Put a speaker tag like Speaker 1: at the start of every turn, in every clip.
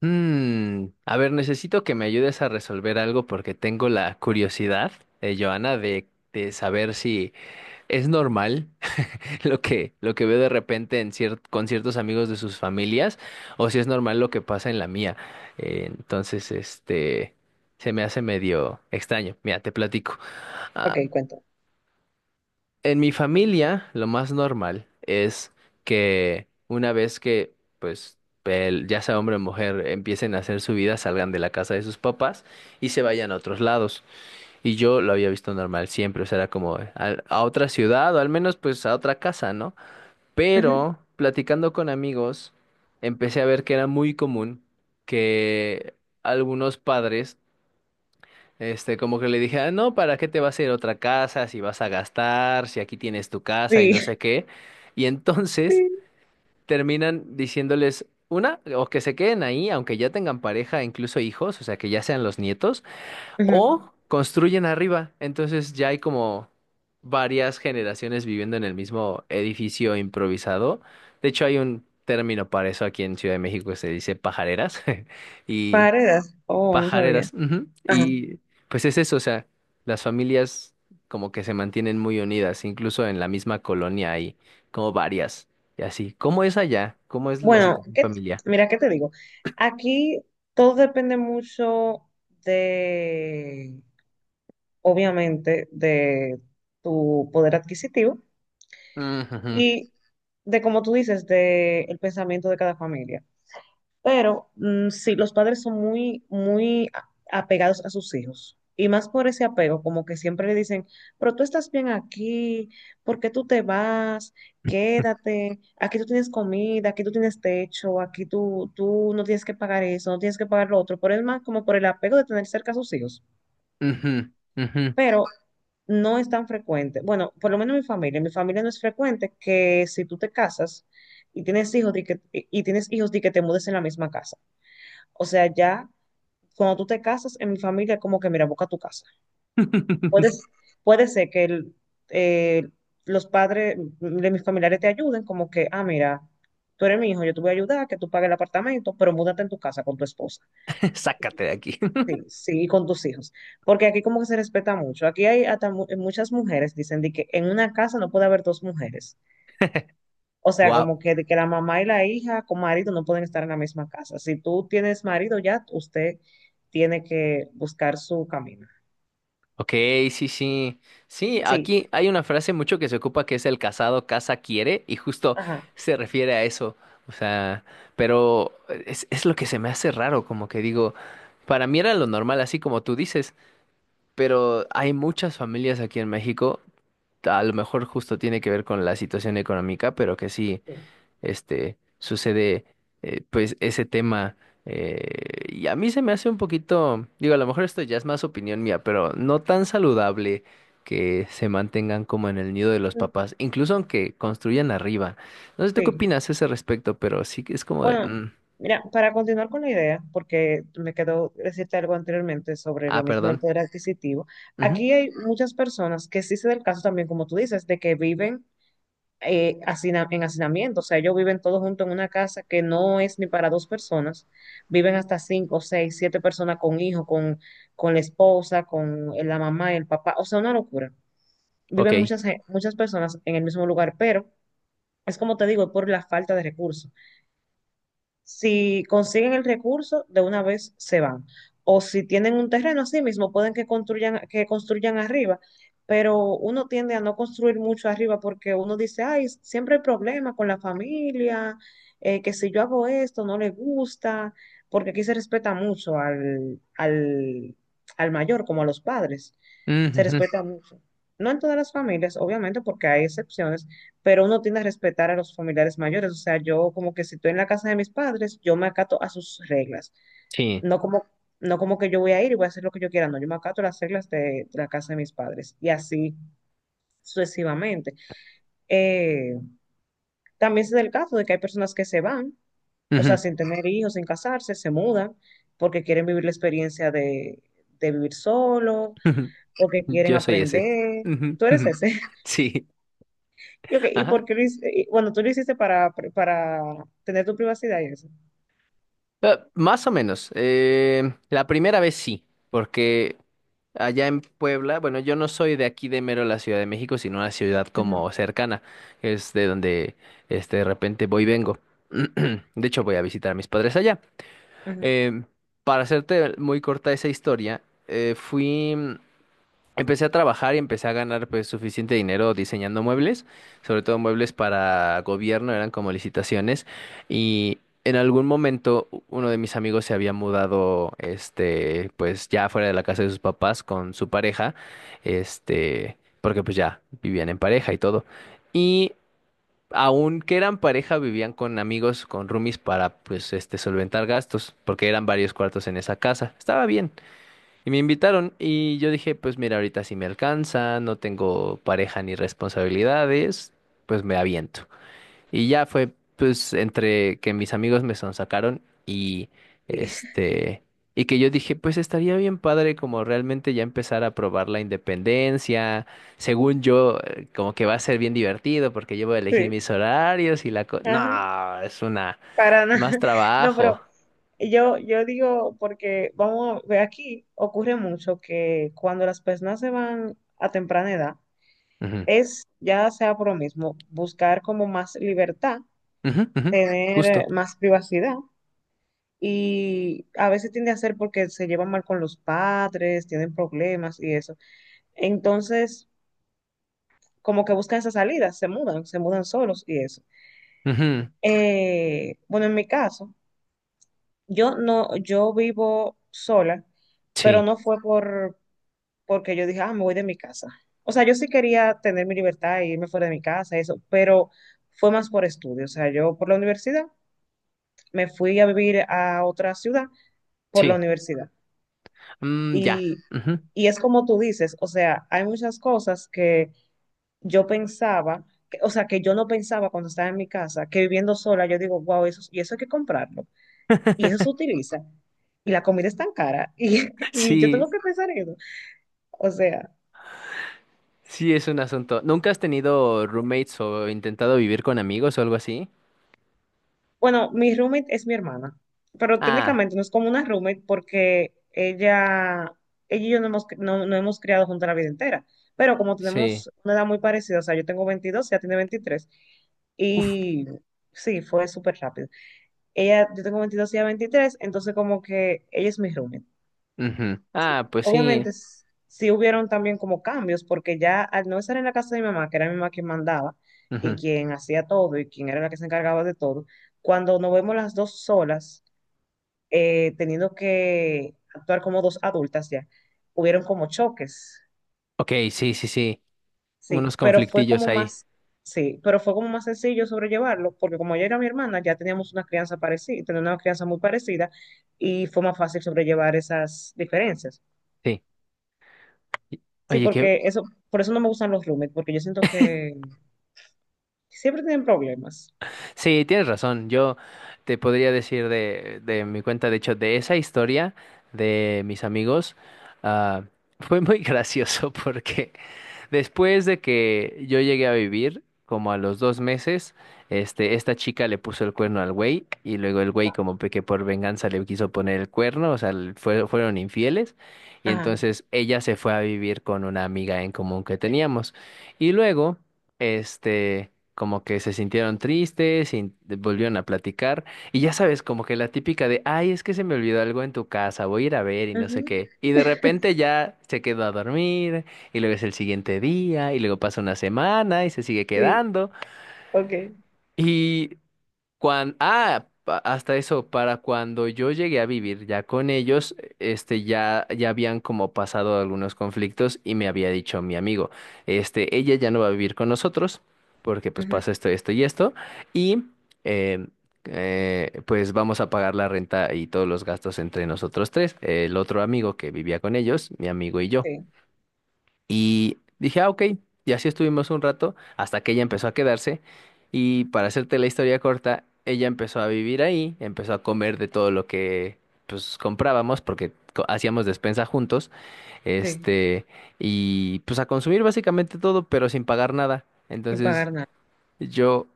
Speaker 1: A ver, necesito que me ayudes a resolver algo porque tengo la curiosidad, Joana, de saber si es normal lo que veo de repente en con ciertos amigos de sus familias o si es normal lo que pasa en la mía. Entonces, se me hace medio extraño. Mira, te platico.
Speaker 2: Ok,
Speaker 1: Ah,
Speaker 2: cuento.
Speaker 1: en mi familia, lo más normal es que una vez que, pues, ya sea hombre o mujer, empiecen a hacer su vida, salgan de la casa de sus papás y se vayan a otros lados. Y yo lo había visto normal siempre, o sea, era como a otra ciudad o al menos, pues, a otra casa, ¿no?
Speaker 2: Ujú.
Speaker 1: Pero platicando con amigos, empecé a ver que era muy común que algunos padres como que le dije, ah, no, ¿para qué te vas a ir a otra casa si vas a gastar, si aquí tienes tu casa y no
Speaker 2: Sí,
Speaker 1: sé qué? Y entonces
Speaker 2: sí,
Speaker 1: terminan diciéndoles, una, o que se queden ahí, aunque ya tengan pareja, incluso hijos, o sea, que ya sean los nietos,
Speaker 2: ujú.
Speaker 1: o construyen arriba. Entonces ya hay como varias generaciones viviendo en el mismo edificio improvisado. De hecho, hay un término para eso aquí en Ciudad de México que se dice pajareras. Y
Speaker 2: Paredes. Oh, no sabía.
Speaker 1: pajareras, ujú.
Speaker 2: Ajá.
Speaker 1: Y pues es eso, o sea, las familias como que se mantienen muy unidas, incluso en la misma colonia hay como varias y así. ¿Cómo es allá? ¿Cómo es la
Speaker 2: Bueno,
Speaker 1: situación familiar?
Speaker 2: mira, ¿qué te digo? Aquí todo depende mucho de, obviamente, de tu poder adquisitivo
Speaker 1: Ujujú,
Speaker 2: y de, como tú dices, de el pensamiento de cada familia. Pero sí, los padres son muy, muy apegados a sus hijos. Y más por ese apego, como que siempre le dicen, pero tú estás bien aquí, ¿por qué tú te vas? Quédate, aquí tú tienes comida, aquí tú tienes techo, aquí tú no tienes que pagar eso, no tienes que pagar lo otro, por el más como por el apego de tener cerca a sus hijos.
Speaker 1: ujú, ujú.
Speaker 2: Pero no es tan frecuente. Bueno, por lo menos en mi familia no es frecuente que si tú te casas y tienes hijos, de que, y tienes hijos de que te mudes en la misma casa. O sea, ya cuando tú te casas en mi familia, es como que, mira, busca tu casa. Puedes, puede ser que el, eh, los padres de mis familiares te ayuden, como que, ah, mira, tú eres mi hijo, yo te voy a ayudar, que tú pagues el apartamento, pero múdate en tu casa con tu esposa,
Speaker 1: Sácate de aquí.
Speaker 2: sí, sí, y con tus hijos. Porque aquí como que se respeta mucho. Aquí hay hasta muchas mujeres, dicen de que en una casa no puede haber dos mujeres. O sea,
Speaker 1: Wow.
Speaker 2: como que, de que la mamá y la hija con marido no pueden estar en la misma casa. Si tú tienes marido ya, usted tiene que buscar su camino.
Speaker 1: Ok, sí, sí. Sí,
Speaker 2: Sí,
Speaker 1: aquí hay una frase mucho que se ocupa que es el casado casa quiere y justo
Speaker 2: ajá.
Speaker 1: se refiere a eso. O sea, pero es lo que se me hace raro, como que digo, para mí era lo normal, así como tú dices, pero hay muchas familias aquí en México, a lo mejor justo tiene que ver con la situación económica, pero que sí
Speaker 2: Sí.
Speaker 1: sucede, pues ese tema. eh, y a mí se me hace un poquito, digo, a lo mejor esto ya es más opinión mía, pero no tan saludable que se mantengan como en el nido de los
Speaker 2: Mm,
Speaker 1: papás, incluso aunque construyan arriba. No sé tú qué
Speaker 2: sí.
Speaker 1: opinas a ese respecto, pero sí que es como de,
Speaker 2: Bueno, mira, para continuar con la idea, porque me quedó decirte algo anteriormente sobre lo mismo del
Speaker 1: perdón.
Speaker 2: poder adquisitivo,
Speaker 1: Ujú,
Speaker 2: aquí hay muchas personas que sí se da el caso también, como tú dices, de que viven en hacinamiento, o sea, ellos viven todos juntos en una casa que no es ni para dos personas, viven hasta cinco, seis, siete personas con hijos, con la esposa, con la mamá y el papá, o sea, una locura. Viven
Speaker 1: ok.
Speaker 2: muchas personas en el mismo lugar, pero es como te digo, por la falta de recursos. Si consiguen el recurso, de una vez se van. O si tienen un terreno así mismo, pueden que construyan arriba. Pero uno tiende a no construir mucho arriba porque uno dice, ay, siempre hay problemas con la familia, que si yo hago esto no le gusta, porque aquí se respeta mucho al al mayor, como a los padres.
Speaker 1: Ujú,
Speaker 2: Se
Speaker 1: ujú,
Speaker 2: respeta mucho. No en todas las familias, obviamente, porque hay excepciones, pero uno tiende a respetar a los familiares mayores. O sea, yo como que si estoy en la casa de mis padres, yo me acato a sus reglas.
Speaker 1: sí.
Speaker 2: No como, no como que yo voy a ir y voy a hacer lo que yo quiera, no, yo me acato a las reglas de la casa de mis padres y así sucesivamente. Eh, también se da el caso de que hay personas que se van, o sea,
Speaker 1: Ujú,
Speaker 2: sin tener hijos, sin casarse, se mudan porque quieren vivir la experiencia de vivir solo,
Speaker 1: ujú,
Speaker 2: porque quieren
Speaker 1: yo soy ese.
Speaker 2: aprender.
Speaker 1: Ujú,
Speaker 2: Tú eres
Speaker 1: ujú,
Speaker 2: ese.
Speaker 1: sí.
Speaker 2: ¿Y, okay, ¿y por
Speaker 1: Ajá.
Speaker 2: qué lo hici- y, Bueno, tú lo hiciste para tener tu privacidad y eso.
Speaker 1: Más o menos. La primera vez sí, porque allá en Puebla, bueno, yo no soy de aquí de mero la Ciudad de México, sino una ciudad
Speaker 2: Ujú,
Speaker 1: como cercana, que es de donde de repente voy y vengo. De hecho, voy a visitar a mis padres allá.
Speaker 2: ujú.
Speaker 1: Em, para hacerte muy corta esa historia, fui. Empecé a trabajar y empecé a ganar pues suficiente dinero diseñando muebles, sobre todo muebles para gobierno, eran como licitaciones y en algún momento uno de mis amigos se había mudado, pues ya fuera de la casa de sus papás con su pareja, porque pues ya vivían en pareja y todo. Y aunque eran pareja vivían con amigos, con roomies para pues solventar gastos, porque eran varios cuartos en esa casa. Estaba bien. Y me invitaron y yo dije, pues mira, ahorita sí me alcanza, no tengo pareja ni responsabilidades, pues me aviento. Y ya fue, pues, entre que mis amigos me sonsacaron y
Speaker 2: Sí,
Speaker 1: este, y que yo dije, pues estaría bien padre como realmente ya empezar a probar la independencia. Según yo, como que va a ser bien divertido porque yo voy a elegir
Speaker 2: sí,
Speaker 1: mis horarios y la
Speaker 2: ajá,
Speaker 1: no, es una,
Speaker 2: para nada.
Speaker 1: más
Speaker 2: No,
Speaker 1: trabajo.
Speaker 2: pero yo digo, porque vamos, ve aquí ocurre mucho que cuando las personas se van a temprana edad,
Speaker 1: Ujú,
Speaker 2: es ya sea por lo mismo, buscar como más libertad,
Speaker 1: ujú, ujú,
Speaker 2: tener
Speaker 1: justo.
Speaker 2: más privacidad, y a veces tiende a ser porque se llevan mal con los padres, tienen problemas y eso. Entonces, como que buscan esa salida, se mudan solos y eso.
Speaker 1: Ujú,
Speaker 2: Bueno, en mi caso. Yo no, yo vivo sola, pero
Speaker 1: sí,
Speaker 2: no fue por porque yo dije, ah, me voy de mi casa. O sea, yo sí quería tener mi libertad e irme fuera de mi casa, eso, pero fue más por estudio. O sea, yo por la universidad me fui a vivir a otra ciudad por la
Speaker 1: sí.
Speaker 2: universidad.
Speaker 1: Mm, ya.
Speaker 2: Y,
Speaker 1: Ujú.
Speaker 2: y es como tú dices, o sea, hay muchas cosas que yo pensaba, o sea, que yo no pensaba cuando estaba en mi casa, que viviendo sola, yo digo, wow, eso, y eso hay que comprarlo, y eso se utiliza. Y la comida es tan cara y, y yo
Speaker 1: Sí,
Speaker 2: tengo que pensar en eso. O sea,
Speaker 1: sí es un asunto. ¿Nunca has tenido roommates o intentado vivir con amigos o algo así?
Speaker 2: bueno, mi roommate es mi hermana, pero
Speaker 1: Ah,
Speaker 2: técnicamente no es como una roommate porque ella y yo no hemos criado juntas la vida entera. Pero como
Speaker 1: sí.
Speaker 2: tenemos una edad muy parecida, o sea, yo tengo 22, ella tiene 23.
Speaker 1: Uf.
Speaker 2: Y sí, fue súper rápido. Ella, yo tengo 22 y ella 23, entonces como que ella es mi roommate.
Speaker 1: Ujú. Ah, pues sí.
Speaker 2: Obviamente sí hubieron también como cambios, porque ya al no estar en la casa de mi mamá, que era mi mamá quien mandaba y
Speaker 1: Ujú.
Speaker 2: quien hacía todo y quien era la que se encargaba de todo, cuando nos vemos las dos solas, teniendo que actuar como dos adultas ya, hubieron como choques,
Speaker 1: Ok, sí, sí, sí.
Speaker 2: sí,
Speaker 1: Unos
Speaker 2: pero fue
Speaker 1: conflictillos
Speaker 2: como
Speaker 1: ahí.
Speaker 2: más, sí, pero fue como más sencillo sobrellevarlo, porque como ella era mi hermana, ya teníamos una crianza parecida, teníamos una crianza muy parecida y fue más fácil sobrellevar esas diferencias.
Speaker 1: Sí. Y-
Speaker 2: Sí,
Speaker 1: Oye, qué,
Speaker 2: porque eso, por eso no me gustan los roommates, porque yo siento que siempre tienen problemas.
Speaker 1: sí, tienes razón. Yo te podría decir de mi cuenta, de hecho, de esa historia de mis amigos, ah, fue muy gracioso porque después de que yo llegué a vivir, como a los 2 meses, esta chica le puso el cuerno al güey y luego el güey como que por venganza le quiso poner el cuerno, o sea, le fueron infieles y
Speaker 2: Ajá,
Speaker 1: entonces ella se fue a vivir con una amiga en común que teníamos. Y luego, como que se sintieron tristes y volvieron a platicar. Y ya sabes, como que la típica de, ay, es que se me olvidó algo en tu casa, voy a ir a ver y no sé
Speaker 2: ujú.
Speaker 1: qué. Y de repente ya se quedó a dormir y luego es el siguiente día y luego pasa una semana y se sigue
Speaker 2: Sí,
Speaker 1: quedando.
Speaker 2: ok.
Speaker 1: y Hasta eso, para cuando yo llegué a vivir ya con ellos, ya habían como pasado algunos conflictos y me había dicho mi amigo, ella ya no va a vivir con nosotros porque pues
Speaker 2: Ujú.
Speaker 1: pasa esto, esto y esto y, eh, pues vamos a pagar la renta y todos los gastos entre nosotros tres, el otro amigo que vivía con ellos, mi amigo y yo.
Speaker 2: Sí,
Speaker 1: Y dije, ah, ok. Y así estuvimos un rato hasta que ella empezó a quedarse. Y para hacerte la historia corta, ella empezó a vivir ahí, empezó a comer de todo lo que pues comprábamos porque hacíamos despensa juntos,
Speaker 2: sí,
Speaker 1: este, y pues a consumir básicamente todo, pero sin pagar nada.
Speaker 2: sin
Speaker 1: Entonces,
Speaker 2: pagar nada.
Speaker 1: yo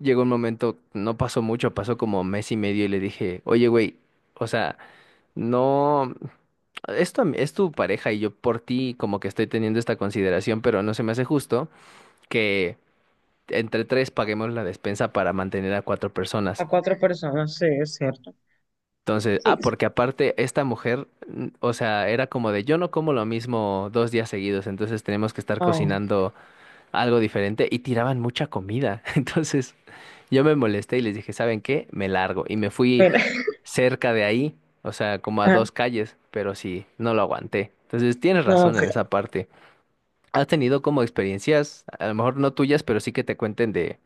Speaker 1: llegó un momento, no pasó mucho, pasó como mes y medio y le dije, oye, güey, o sea, no, esto es tu pareja y yo por ti como que estoy teniendo esta consideración, pero no se me hace justo que entre tres paguemos la despensa para mantener a cuatro
Speaker 2: A
Speaker 1: personas.
Speaker 2: cuatro personas, sí, es cierto.
Speaker 1: Entonces,
Speaker 2: Sí, sí.
Speaker 1: porque aparte esta mujer, o sea, era como de yo no como lo mismo 2 días seguidos, entonces tenemos que estar
Speaker 2: Oh,
Speaker 1: cocinando algo diferente y tiraban mucha comida. Entonces yo me molesté y les dije, ¿saben qué? Me largo. Y me fui
Speaker 2: mira,
Speaker 1: cerca de ahí, o sea, como a
Speaker 2: ajá.
Speaker 1: 2 calles, pero sí, no lo aguanté. Entonces tienes
Speaker 2: No,
Speaker 1: razón
Speaker 2: ok.
Speaker 1: en esa parte. ¿Has tenido como experiencias, a lo mejor no tuyas, pero sí que te cuenten de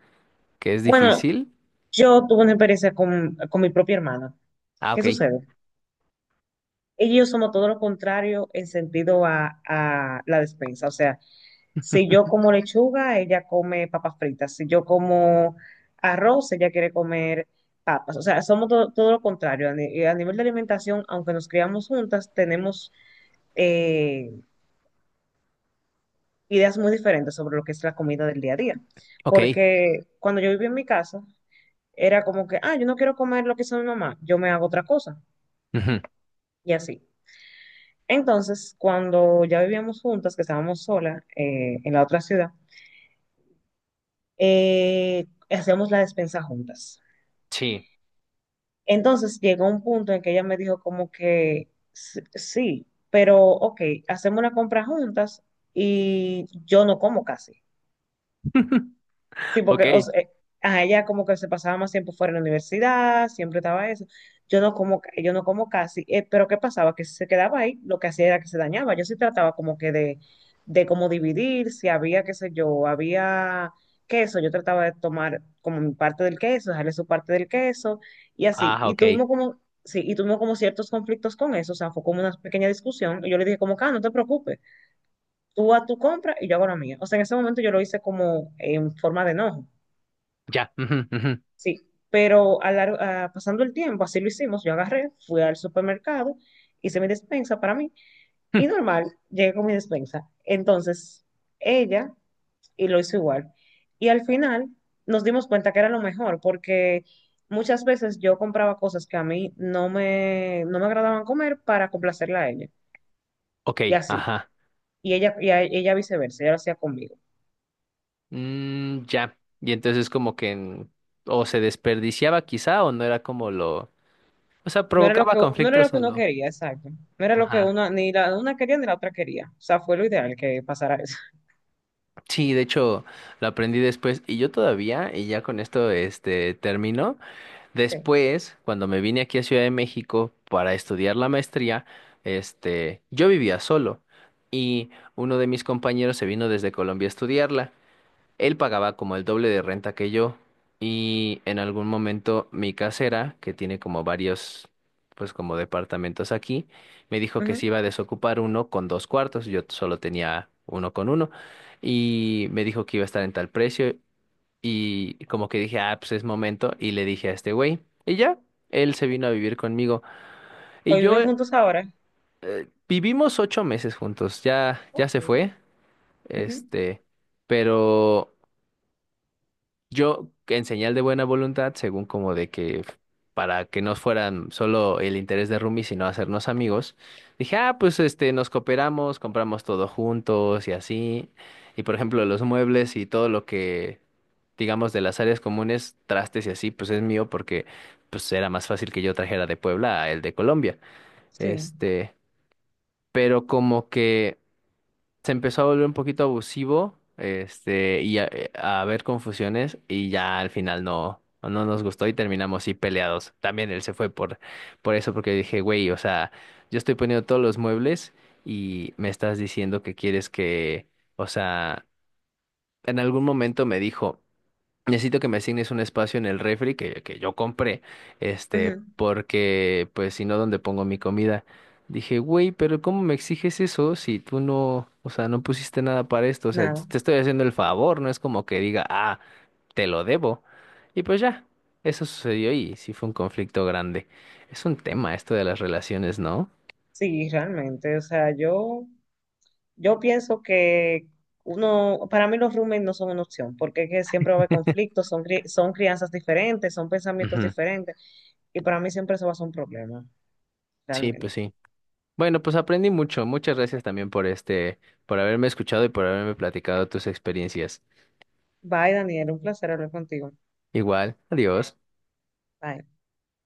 Speaker 1: que es
Speaker 2: Bueno,
Speaker 1: difícil?
Speaker 2: yo tuve una experiencia con mi propia hermana.
Speaker 1: Ah,
Speaker 2: ¿Qué
Speaker 1: ok,
Speaker 2: sucede? Ella y yo somos todo lo contrario en sentido a la despensa. O sea, si yo como lechuga, ella come papas fritas. Si yo como arroz, ella quiere comer papas. O sea, somos todo lo contrario. A, a nivel de alimentación, aunque nos criamos juntas, tenemos eh, ideas muy diferentes sobre lo que es la comida del día a día.
Speaker 1: ok.
Speaker 2: Porque cuando yo vivía en mi casa, era como que, ah, yo no quiero comer lo que hizo mi mamá, yo me hago otra cosa.
Speaker 1: Ujú,
Speaker 2: Y así. Entonces, cuando ya vivíamos juntas, que estábamos solas en la otra ciudad, hacíamos la despensa juntas.
Speaker 1: sí,
Speaker 2: Entonces llegó un punto en que ella me dijo como que sí, pero ok, hacemos una compra juntas y yo no como casi. Sí, porque o
Speaker 1: ok.
Speaker 2: sea, a ella como que se pasaba más tiempo fuera de la universidad, siempre estaba eso. Yo no como casi, pero ¿qué pasaba? Que si se quedaba ahí, lo que hacía era que se dañaba. Yo sí trataba como que de como dividir, si había, qué sé yo, había queso, yo trataba de tomar como mi parte del queso, dejarle su parte del queso, y así.
Speaker 1: Ah,
Speaker 2: Y
Speaker 1: ok.
Speaker 2: tuvimos como, sí, y tuvimos como ciertos conflictos con eso, o sea, fue como una pequeña discusión, y yo le dije como, ah, no te preocupes, tú a tu compra y yo hago la mía. O sea, en ese momento yo lo hice como en forma de enojo.
Speaker 1: Ya. Ujú, ujú,
Speaker 2: Sí, pero a pasando el tiempo, así lo hicimos, yo agarré, fui al supermercado, hice mi despensa para mí y
Speaker 1: ujú,
Speaker 2: normal, llegué con mi despensa. Entonces, ella y lo hizo igual. Y al final nos dimos cuenta que era lo mejor porque muchas veces yo compraba cosas que a mí no me agradaban comer para complacerla a ella
Speaker 1: ok,
Speaker 2: y así.
Speaker 1: ajá.
Speaker 2: Y ella, ella viceversa, ella lo hacía conmigo.
Speaker 1: Mm, ya. Y entonces como que o se desperdiciaba quizá o no era como lo... O sea, provocaba
Speaker 2: No era lo
Speaker 1: conflictos
Speaker 2: que
Speaker 1: a
Speaker 2: uno
Speaker 1: lo...
Speaker 2: quería, exacto. No era lo que
Speaker 1: Ajá.
Speaker 2: uno, ni la una quería ni la otra quería. O sea, fue lo ideal que pasara eso.
Speaker 1: Sí, de hecho lo aprendí después y yo todavía, y ya con esto termino,
Speaker 2: Sí.
Speaker 1: después cuando me vine aquí a Ciudad de México para estudiar la maestría, yo vivía solo y uno de mis compañeros se vino desde Colombia a estudiarla. Él pagaba como el doble de renta que yo y en algún momento mi casera, que tiene como varios, pues como departamentos aquí, me dijo que se
Speaker 2: Ujú.
Speaker 1: iba a desocupar uno con dos cuartos, yo solo tenía uno con uno y me dijo que iba a estar en tal precio y como que dije, ah, pues es momento y le dije a este güey y ya, él se vino a vivir conmigo y
Speaker 2: Hoy
Speaker 1: yo
Speaker 2: viven juntos ahora.
Speaker 1: vivimos 8 meses juntos, ya
Speaker 2: Ok.
Speaker 1: se fue,
Speaker 2: Ujú.
Speaker 1: este, pero... Yo, en señal de buena voluntad, según como de que para que no fueran solo el interés de Rumi, sino hacernos amigos, dije, ah, pues nos cooperamos, compramos todo juntos y así. Y por ejemplo, los muebles y todo lo que, digamos, de las áreas comunes, trastes y así, pues es mío porque pues era más fácil que yo trajera de Puebla a el de Colombia.
Speaker 2: Sí.
Speaker 1: Este, pero como que se empezó a volver un poquito abusivo, y a haber confusiones y ya al final no, no no nos gustó y terminamos sí peleados. También él se fue por eso, porque dije, güey, o sea, yo estoy poniendo todos los muebles y me estás diciendo que quieres que, o sea, en algún momento me dijo. Necesito que me asignes un espacio en el refri que yo compré,
Speaker 2: Ujú.
Speaker 1: porque pues si no, ¿dónde pongo mi comida? Dije, güey, pero ¿cómo me exiges eso si tú no, o sea, no pusiste nada para esto? O sea,
Speaker 2: Nada.
Speaker 1: te estoy haciendo el favor, no es como que diga, te lo debo. Y pues ya, eso sucedió y sí fue un conflicto grande. Es un tema esto de las relaciones, ¿no?
Speaker 2: Sí, realmente. O sea, yo pienso que uno, para mí los roommates no son una opción, porque es que siempre va a haber conflictos, son, son crianzas diferentes, son pensamientos
Speaker 1: Ujú.
Speaker 2: diferentes, y para mí siempre eso va a ser un problema,
Speaker 1: Sí, pues
Speaker 2: realmente.
Speaker 1: sí. Bueno, pues aprendí mucho. Muchas gracias también por por haberme escuchado y por haberme platicado tus experiencias.
Speaker 2: Bye, Daniel, un placer hablar contigo.
Speaker 1: Igual, adiós.
Speaker 2: Bye.